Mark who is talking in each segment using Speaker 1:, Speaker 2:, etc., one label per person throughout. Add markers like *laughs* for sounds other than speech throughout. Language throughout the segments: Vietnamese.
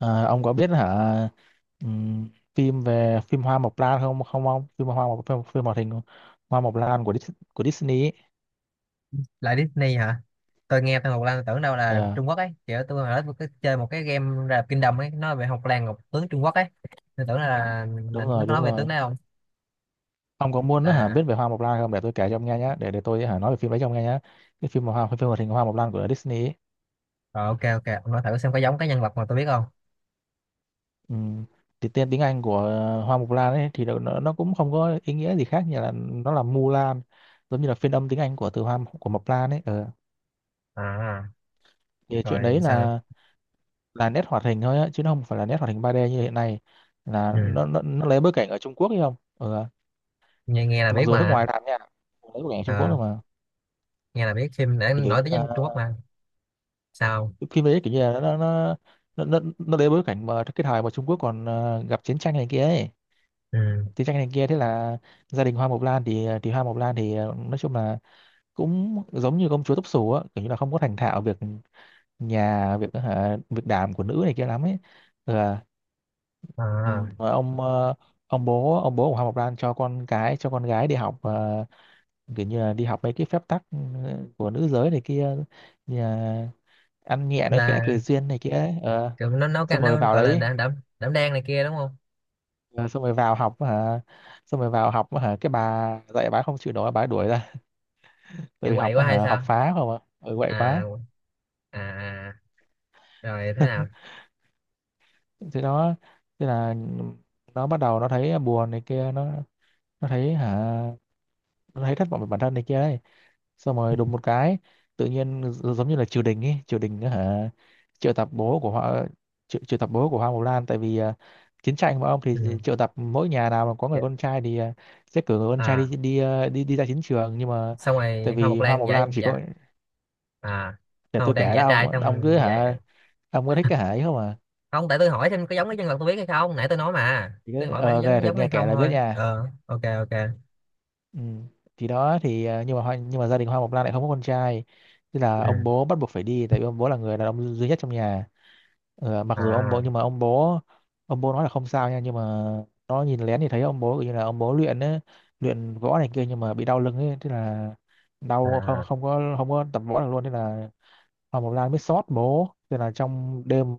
Speaker 1: À, ông có biết hả? ừm, phim Hoa Mộc Lan không không ông phim, hoạt hình Hoa Mộc Lan của của Disney ấy.
Speaker 2: Lại Disney hả? Tôi nghe tôi Ngọc Lan tôi tưởng đâu là
Speaker 1: Ờ,
Speaker 2: Trung Quốc ấy, kiểu tôi hồi đó tôi có chơi một cái game là Kingdom ấy, nói về Ngọc Lan, Ngọc tướng Trung Quốc ấy. Tôi tưởng là
Speaker 1: đúng
Speaker 2: nó
Speaker 1: rồi,
Speaker 2: có
Speaker 1: đúng
Speaker 2: nói về
Speaker 1: rồi,
Speaker 2: tướng đấy không?
Speaker 1: ông có muốn hả biết
Speaker 2: Là
Speaker 1: về Hoa Mộc Lan không? Để tôi kể cho ông nghe nhé, để tôi hả nói về phim đấy cho ông nghe nhé. Cái phim mà phim hoạt hình Hoa Mộc Lan của Disney ấy.
Speaker 2: rồi, ok ok, ông nói thử xem có giống cái nhân vật mà tôi biết không.
Speaker 1: Ừm, thì tên tiếng Anh của Hoa Mộc Lan ấy thì nó cũng không có ý nghĩa gì khác, như là nó là Mulan, giống như là phiên âm tiếng Anh của từ Hoa của Mộc Lan ấy. Ờ,
Speaker 2: À,
Speaker 1: thì chuyện
Speaker 2: rồi
Speaker 1: đấy
Speaker 2: sao nữa?
Speaker 1: là nét hoạt hình thôi á, chứ nó không phải là nét hoạt hình 3D như hiện nay. Là
Speaker 2: Ừ.
Speaker 1: nó lấy bối cảnh ở Trung Quốc ấy, không, ừ.
Speaker 2: Nghe nghe là
Speaker 1: Mặc
Speaker 2: biết
Speaker 1: dù nước
Speaker 2: mà.
Speaker 1: ngoài làm nha, lấy bối cảnh ở Trung Quốc
Speaker 2: Ờ,
Speaker 1: thôi mà.
Speaker 2: nghe là biết phim đã
Speaker 1: Thì kiểu
Speaker 2: nổi
Speaker 1: như
Speaker 2: tiếng nhất
Speaker 1: là
Speaker 2: Trung Quốc mà. Sao?
Speaker 1: cái phim đấy kiểu như là nó lấy bối cảnh mà cái thời mà Trung Quốc còn gặp chiến tranh này kia ấy,
Speaker 2: Ừ.
Speaker 1: chiến tranh này kia. Thế là gia đình Hoa Mộc Lan thì Hoa Mộc Lan thì nói chung là cũng giống như công chúa tóc xù á, kiểu như là không có thành thạo việc nhà, việc đảm của nữ này kia lắm ấy. Ừ.
Speaker 2: À,
Speaker 1: Ừ,
Speaker 2: à.
Speaker 1: rồi ông ông bố của Hoàng Ngọc Lan cho con cái cho con gái đi học, kiểu như là đi học mấy cái phép tắc, của nữ giới này kia, như là ăn nhẹ nói khẽ cười
Speaker 2: Là
Speaker 1: duyên này kia ấy. Ờ,
Speaker 2: kiểu nó nấu cái
Speaker 1: xong rồi
Speaker 2: nó
Speaker 1: vào
Speaker 2: gọi là
Speaker 1: đấy,
Speaker 2: đảm đảm đảm đang này kia đúng không?
Speaker 1: ờ, xong rồi vào học hả, xong rồi vào học hả, cái bà dạy bà không chịu nổi bà đuổi ra, tại
Speaker 2: Kiểu
Speaker 1: vì
Speaker 2: quậy
Speaker 1: học
Speaker 2: quá hay
Speaker 1: hả học
Speaker 2: sao?
Speaker 1: phá không ạ, quậy quá.
Speaker 2: À, à à. Rồi thế nào?
Speaker 1: thế nó thế là nó bắt đầu nó thấy buồn này kia, nó thấy hả nó thấy thất vọng về bản thân này kia ấy. Xong rồi đùng một cái, tự nhiên giống như là triều đình ấy, triều đình á hả, triệu tập bố của họ, triệu tập bố của Hoa Mộc Lan. Tại vì chiến tranh mà, ông thì
Speaker 2: Ừ.
Speaker 1: triệu tập mỗi nhà nào mà có
Speaker 2: Dạ.
Speaker 1: người con trai thì sẽ cử người con trai
Speaker 2: À,
Speaker 1: đi đi đi đi ra chiến trường, nhưng mà
Speaker 2: xong
Speaker 1: tại
Speaker 2: rồi hoa mộc
Speaker 1: vì Hoa
Speaker 2: lan
Speaker 1: Mộc
Speaker 2: giả
Speaker 1: Lan chỉ có,
Speaker 2: giả. À,
Speaker 1: để
Speaker 2: hoa
Speaker 1: tôi
Speaker 2: mộc lan
Speaker 1: kể
Speaker 2: giả
Speaker 1: đó
Speaker 2: trai
Speaker 1: ông
Speaker 2: xong
Speaker 1: cứ
Speaker 2: đi
Speaker 1: hả,
Speaker 2: dạy.
Speaker 1: ông cứ thích cái hả ấy không, à
Speaker 2: Không, tại tôi hỏi thêm có giống cái nhân vật tôi biết hay không, nãy tôi nói mà.
Speaker 1: chỉ
Speaker 2: Tôi
Speaker 1: cứ
Speaker 2: hỏi phải
Speaker 1: về
Speaker 2: giống
Speaker 1: thử
Speaker 2: giống
Speaker 1: nghe
Speaker 2: hay không
Speaker 1: kể là biết
Speaker 2: thôi.
Speaker 1: nha.
Speaker 2: Ờ, ok ok.
Speaker 1: Ừ. Thì đó thì nhưng mà gia đình Hoa Mộc Lan lại không có con trai, thế là ông
Speaker 2: Ừ.
Speaker 1: bố bắt buộc phải đi, tại vì ông bố là người đàn ông duy nhất trong nhà. Ờ, mặc dù ông bố,
Speaker 2: À
Speaker 1: nhưng mà ông bố nói là không sao nha, nhưng mà nó nhìn lén thì thấy ông bố kiểu như là ông bố luyện á, luyện võ này kia nhưng mà bị đau lưng ấy, thế là đau không
Speaker 2: à.
Speaker 1: không có tập võ được luôn. Thế là Hoa Mộc Lan mới xót bố, thế là trong đêm,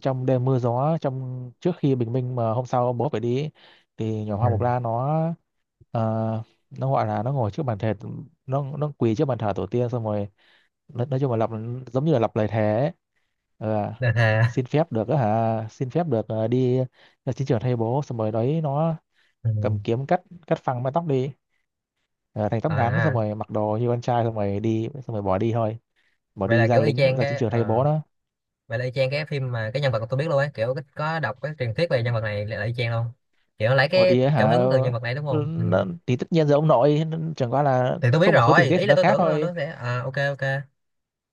Speaker 1: trong đêm mưa gió, trong trước khi bình minh mà hôm sau bố phải đi ấy, thì nhỏ Hoa Mộc
Speaker 2: Ừ.
Speaker 1: La nó ờ, nó gọi là nó ngồi trước bàn thờ, nó quỳ trước bàn thờ tổ tiên, xong rồi nói chung là lặp, giống như là lặp lời thề ấy. Ờ,
Speaker 2: Đa thề.
Speaker 1: xin phép được á hả, xin phép được đi ra chiến trường thay bố, xong rồi đấy nó
Speaker 2: Ừ.
Speaker 1: cầm kiếm cắt cắt phăng mái tóc đi, ờ, thành tóc ngắn, xong
Speaker 2: À,
Speaker 1: rồi mặc đồ như con trai, xong rồi đi, xong rồi bỏ đi thôi, bỏ
Speaker 2: vậy
Speaker 1: đi
Speaker 2: là
Speaker 1: ra
Speaker 2: kiểu y
Speaker 1: lính
Speaker 2: chang
Speaker 1: ra chiến
Speaker 2: cái
Speaker 1: trường thay bố đó.
Speaker 2: vậy là y chang cái phim mà cái nhân vật mà tôi biết luôn ấy, kiểu có đọc cái truyền thuyết về nhân vật này là y chang luôn. Kiểu nó lấy
Speaker 1: Ủa
Speaker 2: cái
Speaker 1: thì
Speaker 2: cảm
Speaker 1: hả
Speaker 2: hứng từ nhân vật này đúng không? Ừ.
Speaker 1: thì tất nhiên giờ ông nội, chẳng qua là
Speaker 2: Thì tôi biết
Speaker 1: có một số tình
Speaker 2: rồi,
Speaker 1: tiết
Speaker 2: ý
Speaker 1: thì
Speaker 2: là
Speaker 1: nó
Speaker 2: tôi
Speaker 1: khác
Speaker 2: tưởng là
Speaker 1: thôi,
Speaker 2: nó sẽ à, ok ok.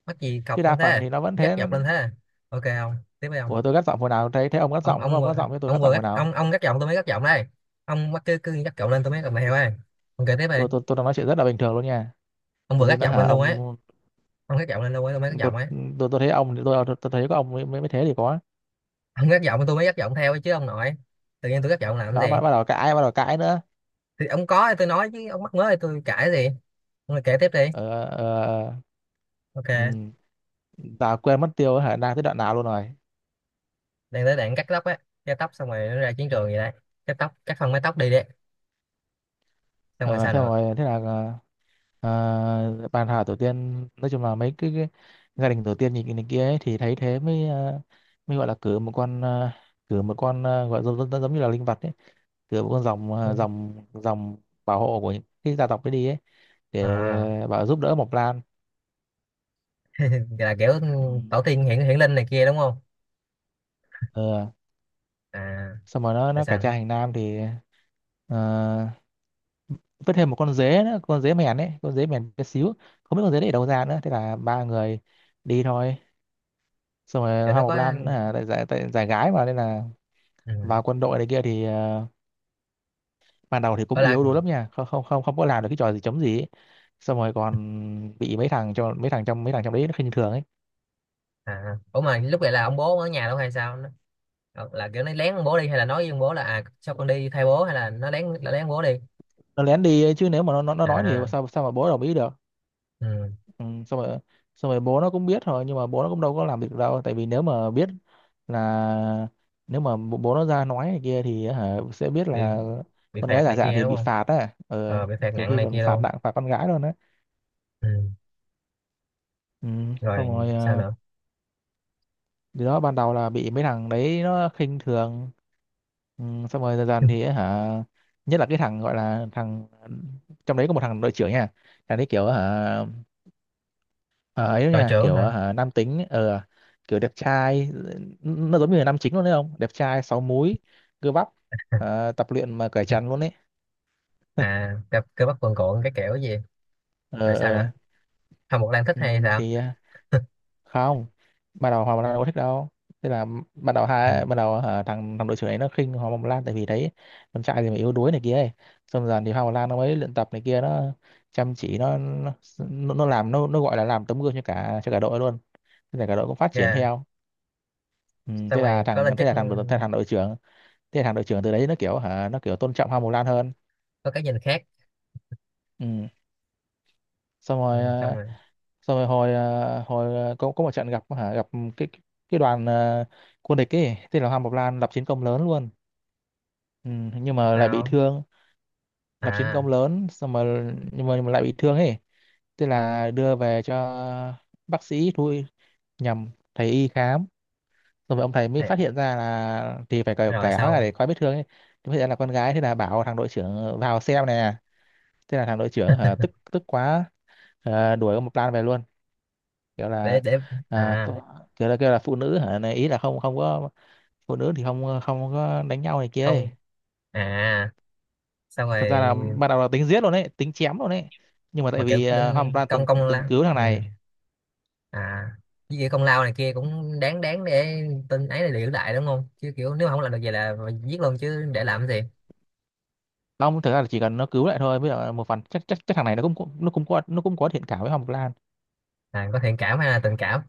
Speaker 2: Mắc gì
Speaker 1: chứ
Speaker 2: cọc
Speaker 1: đa
Speaker 2: luôn
Speaker 1: phần
Speaker 2: thế?
Speaker 1: thì nó vẫn
Speaker 2: Gắt
Speaker 1: thế.
Speaker 2: dọc lên thế? Ok không? Tiếp đi
Speaker 1: Ủa tôi gắt giọng hồi nào, thấy thấy ông gắt giọng, có
Speaker 2: Ông
Speaker 1: ông
Speaker 2: vừa,
Speaker 1: gắt giọng với tôi,
Speaker 2: ông
Speaker 1: gắt
Speaker 2: vừa
Speaker 1: giọng hồi
Speaker 2: gắt,
Speaker 1: nào.
Speaker 2: ông gắt giọng tôi mới gắt giọng đây. Ông mắc cứ cứ gắt giọng lên tôi mới gắt mày heo ấy. Ông kể tiếp đi.
Speaker 1: Tôi đang nói chuyện rất là bình thường luôn nha,
Speaker 2: Ông
Speaker 1: tự
Speaker 2: vừa gắt
Speaker 1: nhiên nó
Speaker 2: giọng
Speaker 1: hả
Speaker 2: lên luôn ấy.
Speaker 1: ông.
Speaker 2: Ông gắt giọng lên luôn ấy tôi mới gắt
Speaker 1: Tôi
Speaker 2: giọng ấy.
Speaker 1: tôi thấy ông, thấy có ông mới, mới mới thế thì có.
Speaker 2: Ông gắt giọng tôi mới gắt giọng theo ấy chứ ông nội. Tự nhiên tôi gắt giọng làm cái
Speaker 1: Đó
Speaker 2: gì?
Speaker 1: bắt đầu cãi, bắt đầu cãi nữa.
Speaker 2: Thì ông có thì tôi nói, chứ ông mắc mớ thì tôi cãi gì. Ông lại kể tiếp đi.
Speaker 1: ờ, ờ,
Speaker 2: Ok.
Speaker 1: ừ, tao quên mất tiêu hả, đang tới đoạn nào luôn rồi.
Speaker 2: Đang tới đoạn cắt tóc á. Cắt tóc xong rồi nó ra chiến trường vậy đấy. Cắt tóc cắt phần mái tóc đi đấy. Xong rồi
Speaker 1: Ờ,
Speaker 2: sao
Speaker 1: thế
Speaker 2: nữa?
Speaker 1: rồi thế là bàn thảo tổ tiên nói chung là cái gia đình tổ tiên nhìn này kia ấy, thì thấy thế mới mới gọi là cử một con, cử một con, gọi giống như là linh vật ấy, cử một con dòng, à,
Speaker 2: Ừ.
Speaker 1: dòng dòng bảo hộ của những cái gia tộc ấy đi ấy, để
Speaker 2: À.
Speaker 1: bảo giúp đỡ Mộc Lan.
Speaker 2: *laughs* Là kiểu
Speaker 1: Ừ.
Speaker 2: tổ tiên hiện hiện linh này kia đúng không?
Speaker 1: Ờ,
Speaker 2: À,
Speaker 1: xong rồi nó
Speaker 2: tại
Speaker 1: nó
Speaker 2: sao
Speaker 1: cải
Speaker 2: nữa?
Speaker 1: trang thành nam thì à, vứt thêm một con dế nữa, con dế mèn ấy, con dế mèn bé xíu, không biết con dế đấy ở đâu ra nữa. Thế là ba người đi thôi. Xong
Speaker 2: Cho
Speaker 1: rồi Hoa
Speaker 2: nó
Speaker 1: Mộc
Speaker 2: có.
Speaker 1: Lan tại giải gái mà nên là
Speaker 2: Ừ.
Speaker 1: vào quân đội này kia, thì ban đầu thì
Speaker 2: Ở
Speaker 1: cũng
Speaker 2: là.
Speaker 1: yếu đuối lắm nha, không không không không có làm được cái trò gì chống gì ấy. Xong rồi còn bị mấy thằng, cho mấy thằng trong đấy nó khinh thường ấy.
Speaker 2: À à, ủa mà lúc vậy là ông bố ở nhà đâu hay sao nó? Ờ, là kiểu nó lén ông bố đi, hay là nói với ông bố là à sao con đi thay bố, hay là nó lén ông bố đi?
Speaker 1: Nó lén đi ấy, chứ nếu mà nó nói thì
Speaker 2: À.
Speaker 1: sao sao mà bố đồng ý được.
Speaker 2: Ừ.
Speaker 1: ừ, xong rồi xong rồi bố nó cũng biết rồi, nhưng mà bố nó cũng đâu có làm việc đâu, tại vì nếu mà biết là, nếu mà bố bố nó ra nói này kia thì hả sẽ biết
Speaker 2: bị
Speaker 1: là
Speaker 2: bị
Speaker 1: con
Speaker 2: phạt
Speaker 1: gái giả
Speaker 2: này
Speaker 1: dạng
Speaker 2: kia
Speaker 1: thì
Speaker 2: đúng
Speaker 1: bị
Speaker 2: không?
Speaker 1: phạt á. Ờ,
Speaker 2: Ờ bị phạt
Speaker 1: nhiều
Speaker 2: nặng
Speaker 1: khi
Speaker 2: này
Speaker 1: còn
Speaker 2: kia
Speaker 1: phạt
Speaker 2: luôn.
Speaker 1: nặng, phạt con gái luôn á.
Speaker 2: Ừ.
Speaker 1: ừ, xong
Speaker 2: Rồi
Speaker 1: rồi
Speaker 2: sao nữa?
Speaker 1: thì đó ban đầu là bị mấy thằng đấy nó khinh thường. ừ, xong rồi dần dần thì
Speaker 2: *laughs*
Speaker 1: ấy hả, nhất là cái thằng gọi là trong đấy có một thằng đội trưởng nha, thằng đấy kiểu hả, ờ, ấy đó
Speaker 2: Đội
Speaker 1: nha,
Speaker 2: trưởng
Speaker 1: kiểu
Speaker 2: hả?
Speaker 1: hả nam tính, kiểu đẹp trai, nó giống như là nam chính luôn đấy, không đẹp trai sáu múi, cơ bắp, tập luyện mà cởi trần luôn đấy. *laughs*
Speaker 2: À gặp cơ bắp cuồn cuộn cái kiểu gì?
Speaker 1: ờ
Speaker 2: Rồi sao nữa?
Speaker 1: ờ
Speaker 2: Không, một đang thích
Speaker 1: ừ,
Speaker 2: hay sao?
Speaker 1: thì không, ban đầu Hoàng Mông Lan đâu có thích đâu. Thế là
Speaker 2: Ừ.
Speaker 1: ban đầu hả, thằng thằng đội trưởng ấy nó khinh Hoàng Mông Lan, tại vì thấy con trai thì mà yếu đuối này kia ấy. Xong dần thì Hoàng Mông Lan nó mới luyện tập này kia, nó chăm chỉ, nó làm, nó gọi là làm tấm gương cho cả, đội luôn. Thế là cả đội cũng phát triển
Speaker 2: Yeah.
Speaker 1: theo. Ừ,
Speaker 2: Xong rồi có lên
Speaker 1: thế
Speaker 2: chức.
Speaker 1: là
Speaker 2: Ừ,
Speaker 1: thằng đội thế là thằng đội trưởng thế là thằng đội trưởng từ đấy nó kiểu hả, nó kiểu tôn trọng Hoàng Mông Lan hơn.
Speaker 2: có cái nhìn khác.
Speaker 1: Ừ. Xong
Speaker 2: Ừ.
Speaker 1: rồi
Speaker 2: Xong rồi
Speaker 1: xong rồi có một trận gặp hả, gặp cái cái cái đoàn quân địch ấy, tên là Hoàng Bộc Lan lập chiến công lớn luôn, ừ, nhưng mà lại bị
Speaker 2: sao?
Speaker 1: thương, lập chiến
Speaker 2: À.
Speaker 1: công lớn xong rồi nhưng mà lại bị thương ấy, tức là đưa về cho bác sĩ thôi, nhầm thầy y khám. Xong rồi ông thầy mới
Speaker 2: Thì.
Speaker 1: phát hiện ra là thì phải
Speaker 2: Rồi
Speaker 1: cởi áo ra
Speaker 2: sau.
Speaker 1: để coi vết thương ấy, thì phát hiện là con gái, thế là bảo thằng đội trưởng vào xem nè. Thế là thằng đội trưởng hả tức tức quá, đuổi ông Mộc Lan về luôn, kiểu là
Speaker 2: Để.
Speaker 1: à,
Speaker 2: À.
Speaker 1: phụ- kiểu là kêu là phụ nữ hả này, ý là không, không có phụ nữ thì không không có đánh nhau này kia ấy.
Speaker 2: Không. À. Xong
Speaker 1: Thật ra là
Speaker 2: rồi.
Speaker 1: ban đầu là tính giết luôn đấy, tính chém luôn đấy, nhưng mà tại
Speaker 2: Mà kiểu
Speaker 1: vì Hoa
Speaker 2: đến
Speaker 1: Mộc
Speaker 2: công
Speaker 1: từng
Speaker 2: công
Speaker 1: từng
Speaker 2: lao.
Speaker 1: cứu thằng
Speaker 2: Ừ.
Speaker 1: này.
Speaker 2: À với kiểu công lao này kia cũng đáng đáng để tin ấy là giữ lại đúng không, chứ kiểu nếu mà không làm được vậy là mà giết luôn chứ để làm cái gì.
Speaker 1: Long thực ra là chỉ cần nó cứu lại thôi, với lại một phần chắc, chắc chắc thằng này nó cũng, nó cũng có thiện cảm với Hoa Mộc.
Speaker 2: À có thiện cảm hay là tình cảm?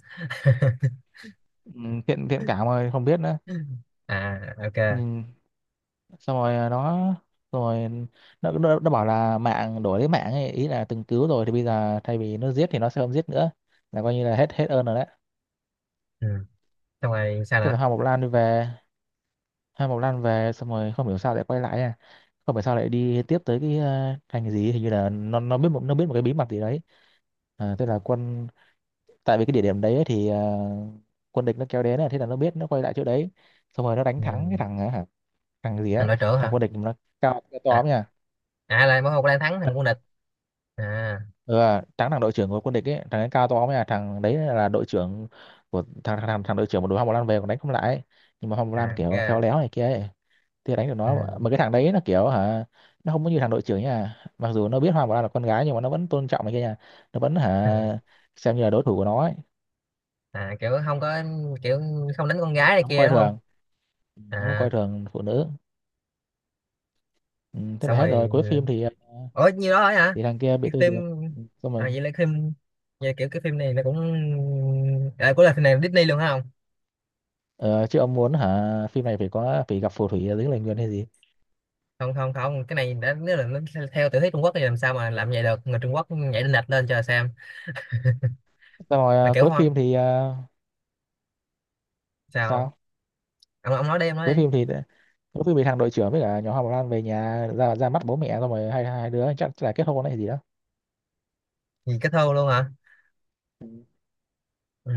Speaker 1: ừ, thiện thiện
Speaker 2: *laughs*
Speaker 1: cảm mà không biết nữa.
Speaker 2: À ok.
Speaker 1: ừ, xong rồi nó rồi, nó bảo là mạng đổi lấy mạng ấy, ý là từng cứu rồi thì bây giờ thay vì nó giết thì nó sẽ không giết nữa, là coi như là hết hết ơn rồi đấy.
Speaker 2: Ừ. Xong rồi sao
Speaker 1: Thế là
Speaker 2: nữa?
Speaker 1: Hoa Mộc Lan đi về. Hoa Mộc Lan về xong rồi không hiểu sao lại quay lại, à không hiểu sao lại đi tiếp tới cái thành gì, hình như là nó biết một cái bí mật gì đấy. À, thế là quân tại vì cái địa điểm đấy ấy thì quân địch nó kéo đến này, thế là nó biết nó quay lại chỗ đấy, xong rồi nó đánh thắng cái
Speaker 2: Ừ.
Speaker 1: thằng hả, thằng gì
Speaker 2: Thằng
Speaker 1: á,
Speaker 2: đội trưởng
Speaker 1: thằng
Speaker 2: hả?
Speaker 1: quân địch nó cao cao to
Speaker 2: À,
Speaker 1: lắm nha.
Speaker 2: à là mỗi một đang thắng thằng quân địch. À.
Speaker 1: Ừ, thắng thằng đội trưởng của quân địch ấy, thằng ấy cao to lắm nha, thằng đấy là đội trưởng của thằng đội trưởng của đội Hoa Mộc Lan về còn đánh không lại ấy. Nhưng mà Hoa Mộc
Speaker 2: À
Speaker 1: Lan kiểu khéo
Speaker 2: ok.
Speaker 1: léo này kia ấy thì đánh được nó,
Speaker 2: Ừ.
Speaker 1: mà cái thằng đấy là kiểu hả, nó không có như thằng đội trưởng nha, mặc dù nó biết Hoa Bảo là con gái nhưng mà nó vẫn tôn trọng này kia nha, nó vẫn hả
Speaker 2: *laughs*
Speaker 1: xem như là đối thủ của nó ấy.
Speaker 2: À kiểu không có, kiểu không đánh con gái này
Speaker 1: Nó không
Speaker 2: kia
Speaker 1: coi
Speaker 2: đúng không?
Speaker 1: thường, nó không coi
Speaker 2: À.
Speaker 1: thường phụ nữ. Ừ, thế là
Speaker 2: Xong
Speaker 1: hết rồi, cuối
Speaker 2: rồi.
Speaker 1: phim thì
Speaker 2: Ủa nhiêu đó ấy hả?
Speaker 1: thì thằng kia bị
Speaker 2: Cái
Speaker 1: tiêu
Speaker 2: phim.
Speaker 1: diệt. Ừ, xong
Speaker 2: À
Speaker 1: rồi
Speaker 2: vậy là phim, vậy kiểu cái phim này nó cũng à, của là phim này Disney luôn hả?
Speaker 1: ờ, chứ ông muốn hả phim này phải có, phải gặp phù thủy ở dưới lời nguyền hay gì.
Speaker 2: Không không không không, cái này đã nếu là nó theo theo tiểu thuyết Trung Quốc thì làm sao mà làm vậy được, người Trung Quốc nhảy đinh đạch lên cho xem.
Speaker 1: Xong rồi
Speaker 2: Mà kiểu hoa. Sao?
Speaker 1: sao
Speaker 2: Ông nói đi, ông nói
Speaker 1: cuối
Speaker 2: đi.
Speaker 1: phim thì, thằng đội trưởng với cả nhỏ Hoa Bảo Lan về nhà ra ra mắt bố mẹ, xong rồi hai hai đứa chắc là kết hôn hay gì đó.
Speaker 2: Gì cái thơ luôn hả?
Speaker 1: Ừ.
Speaker 2: Ừ.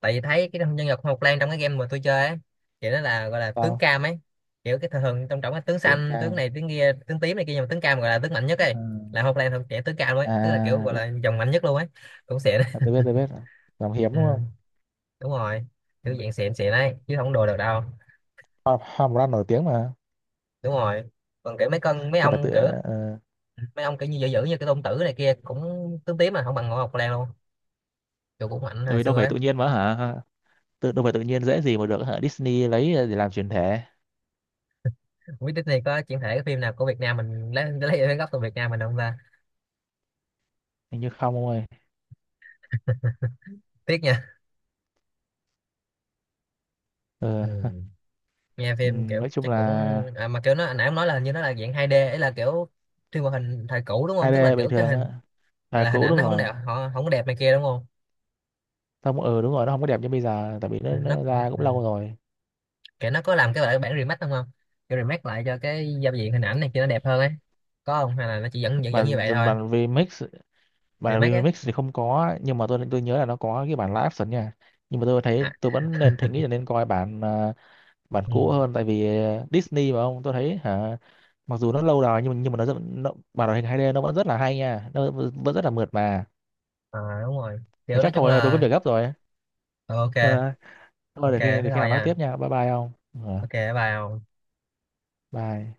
Speaker 2: Tại vì thấy cái nhân vật Hoa Mộc Lan trong cái game mà tôi chơi ấy, kiểu nó là gọi là tướng
Speaker 1: sao
Speaker 2: cam ấy. Kiểu cái thường thường trong trọng cái tướng
Speaker 1: tưởng
Speaker 2: xanh
Speaker 1: ca
Speaker 2: tướng này tướng kia tướng tím này kia, nhưng mà tướng cam gọi là tướng mạnh nhất ấy.
Speaker 1: à,
Speaker 2: Là Hoa Mộc Lan thuộc trẻ tướng cam luôn ấy, tức là kiểu gọi
Speaker 1: à,
Speaker 2: là dòng mạnh nhất luôn ấy. Cũng xịn
Speaker 1: à
Speaker 2: đấy.
Speaker 1: tôi biết rồi. Làm
Speaker 2: *laughs*
Speaker 1: hiếm đúng
Speaker 2: Ừ,
Speaker 1: không?
Speaker 2: đúng rồi.
Speaker 1: Ừ.
Speaker 2: Kiểu dạng xịn xịn ấy chứ không đùa được đâu.
Speaker 1: Hoa, hoa màu lan nổi tiếng mà.
Speaker 2: Đúng rồi. Còn kiểu mấy con mấy
Speaker 1: Đâu phải tự
Speaker 2: ông kiểu,
Speaker 1: ờ,
Speaker 2: mấy ông kiểu như dữ dữ như cái tôn tử này kia cũng tướng tím mà không bằng Hoa Mộc Lan luôn. Kiểu cũng mạnh
Speaker 1: tại
Speaker 2: hồi
Speaker 1: vì đâu
Speaker 2: xưa
Speaker 1: phải
Speaker 2: ấy.
Speaker 1: tự nhiên mà hả, đâu phải tự nhiên dễ gì mà được hả Disney lấy để làm chuyển thể.
Speaker 2: Không biết Disney có chuyển thể cái phim nào của Việt Nam mình, lấy gốc từ Việt Nam mình không ta.
Speaker 1: Hình như không ông ơi.
Speaker 2: Tiếc nha. Ừ.
Speaker 1: Ừ.
Speaker 2: Nghe
Speaker 1: ừ,
Speaker 2: phim kiểu
Speaker 1: nói chung
Speaker 2: chắc cũng
Speaker 1: là
Speaker 2: à, mà kiểu nó anh nãy ông nói là hình như nó là dạng 2D ấy, là kiểu phim hoạt hình thời cũ đúng không, tức là
Speaker 1: 2D bình
Speaker 2: kiểu cái
Speaker 1: thường
Speaker 2: hình.
Speaker 1: á,
Speaker 2: À,
Speaker 1: thời
Speaker 2: là hình
Speaker 1: cũ
Speaker 2: ảnh
Speaker 1: đúng
Speaker 2: nó không
Speaker 1: rồi.
Speaker 2: đẹp, họ không có đẹp này kia đúng không?
Speaker 1: Không, đúng rồi, nó không có đẹp như bây giờ, tại vì
Speaker 2: Ừ, nó.
Speaker 1: nó ra cũng
Speaker 2: Ừ.
Speaker 1: lâu rồi.
Speaker 2: Kiểu nó có làm cái bản bản remake đúng không? Kiểu remake lại cho cái giao diện hình ảnh này kia nó đẹp hơn ấy. Có không, hay là nó chỉ vẫn vẫn vẫn
Speaker 1: Mà
Speaker 2: như vậy thôi?
Speaker 1: bản remix, bản
Speaker 2: Remake ấy.
Speaker 1: remix thì không có, nhưng mà tôi nhớ là nó có cái bản live action nha, nhưng mà tôi
Speaker 2: À.
Speaker 1: thấy, tôi vẫn nên thấy
Speaker 2: *laughs*
Speaker 1: nghĩ là nên coi bản bản cũ
Speaker 2: Ừ.
Speaker 1: hơn, tại vì Disney mà ông, tôi thấy hả, mặc dù nó lâu rồi, nhưng mà nó bản hoạt hình 2D nó vẫn rất là hay nha, nó vẫn vẫn rất là mượt mà.
Speaker 2: À đúng rồi.
Speaker 1: Mà
Speaker 2: Kiểu nói
Speaker 1: chắc
Speaker 2: chung
Speaker 1: thôi tôi có
Speaker 2: là.
Speaker 1: việc gấp rồi.
Speaker 2: Ừ, ok.
Speaker 1: Ờ, thôi
Speaker 2: Ok thế
Speaker 1: để khi nào
Speaker 2: thôi
Speaker 1: nói
Speaker 2: nha.
Speaker 1: tiếp nha, bye bye ông. Ờ,
Speaker 2: Ok bye ông.
Speaker 1: bye.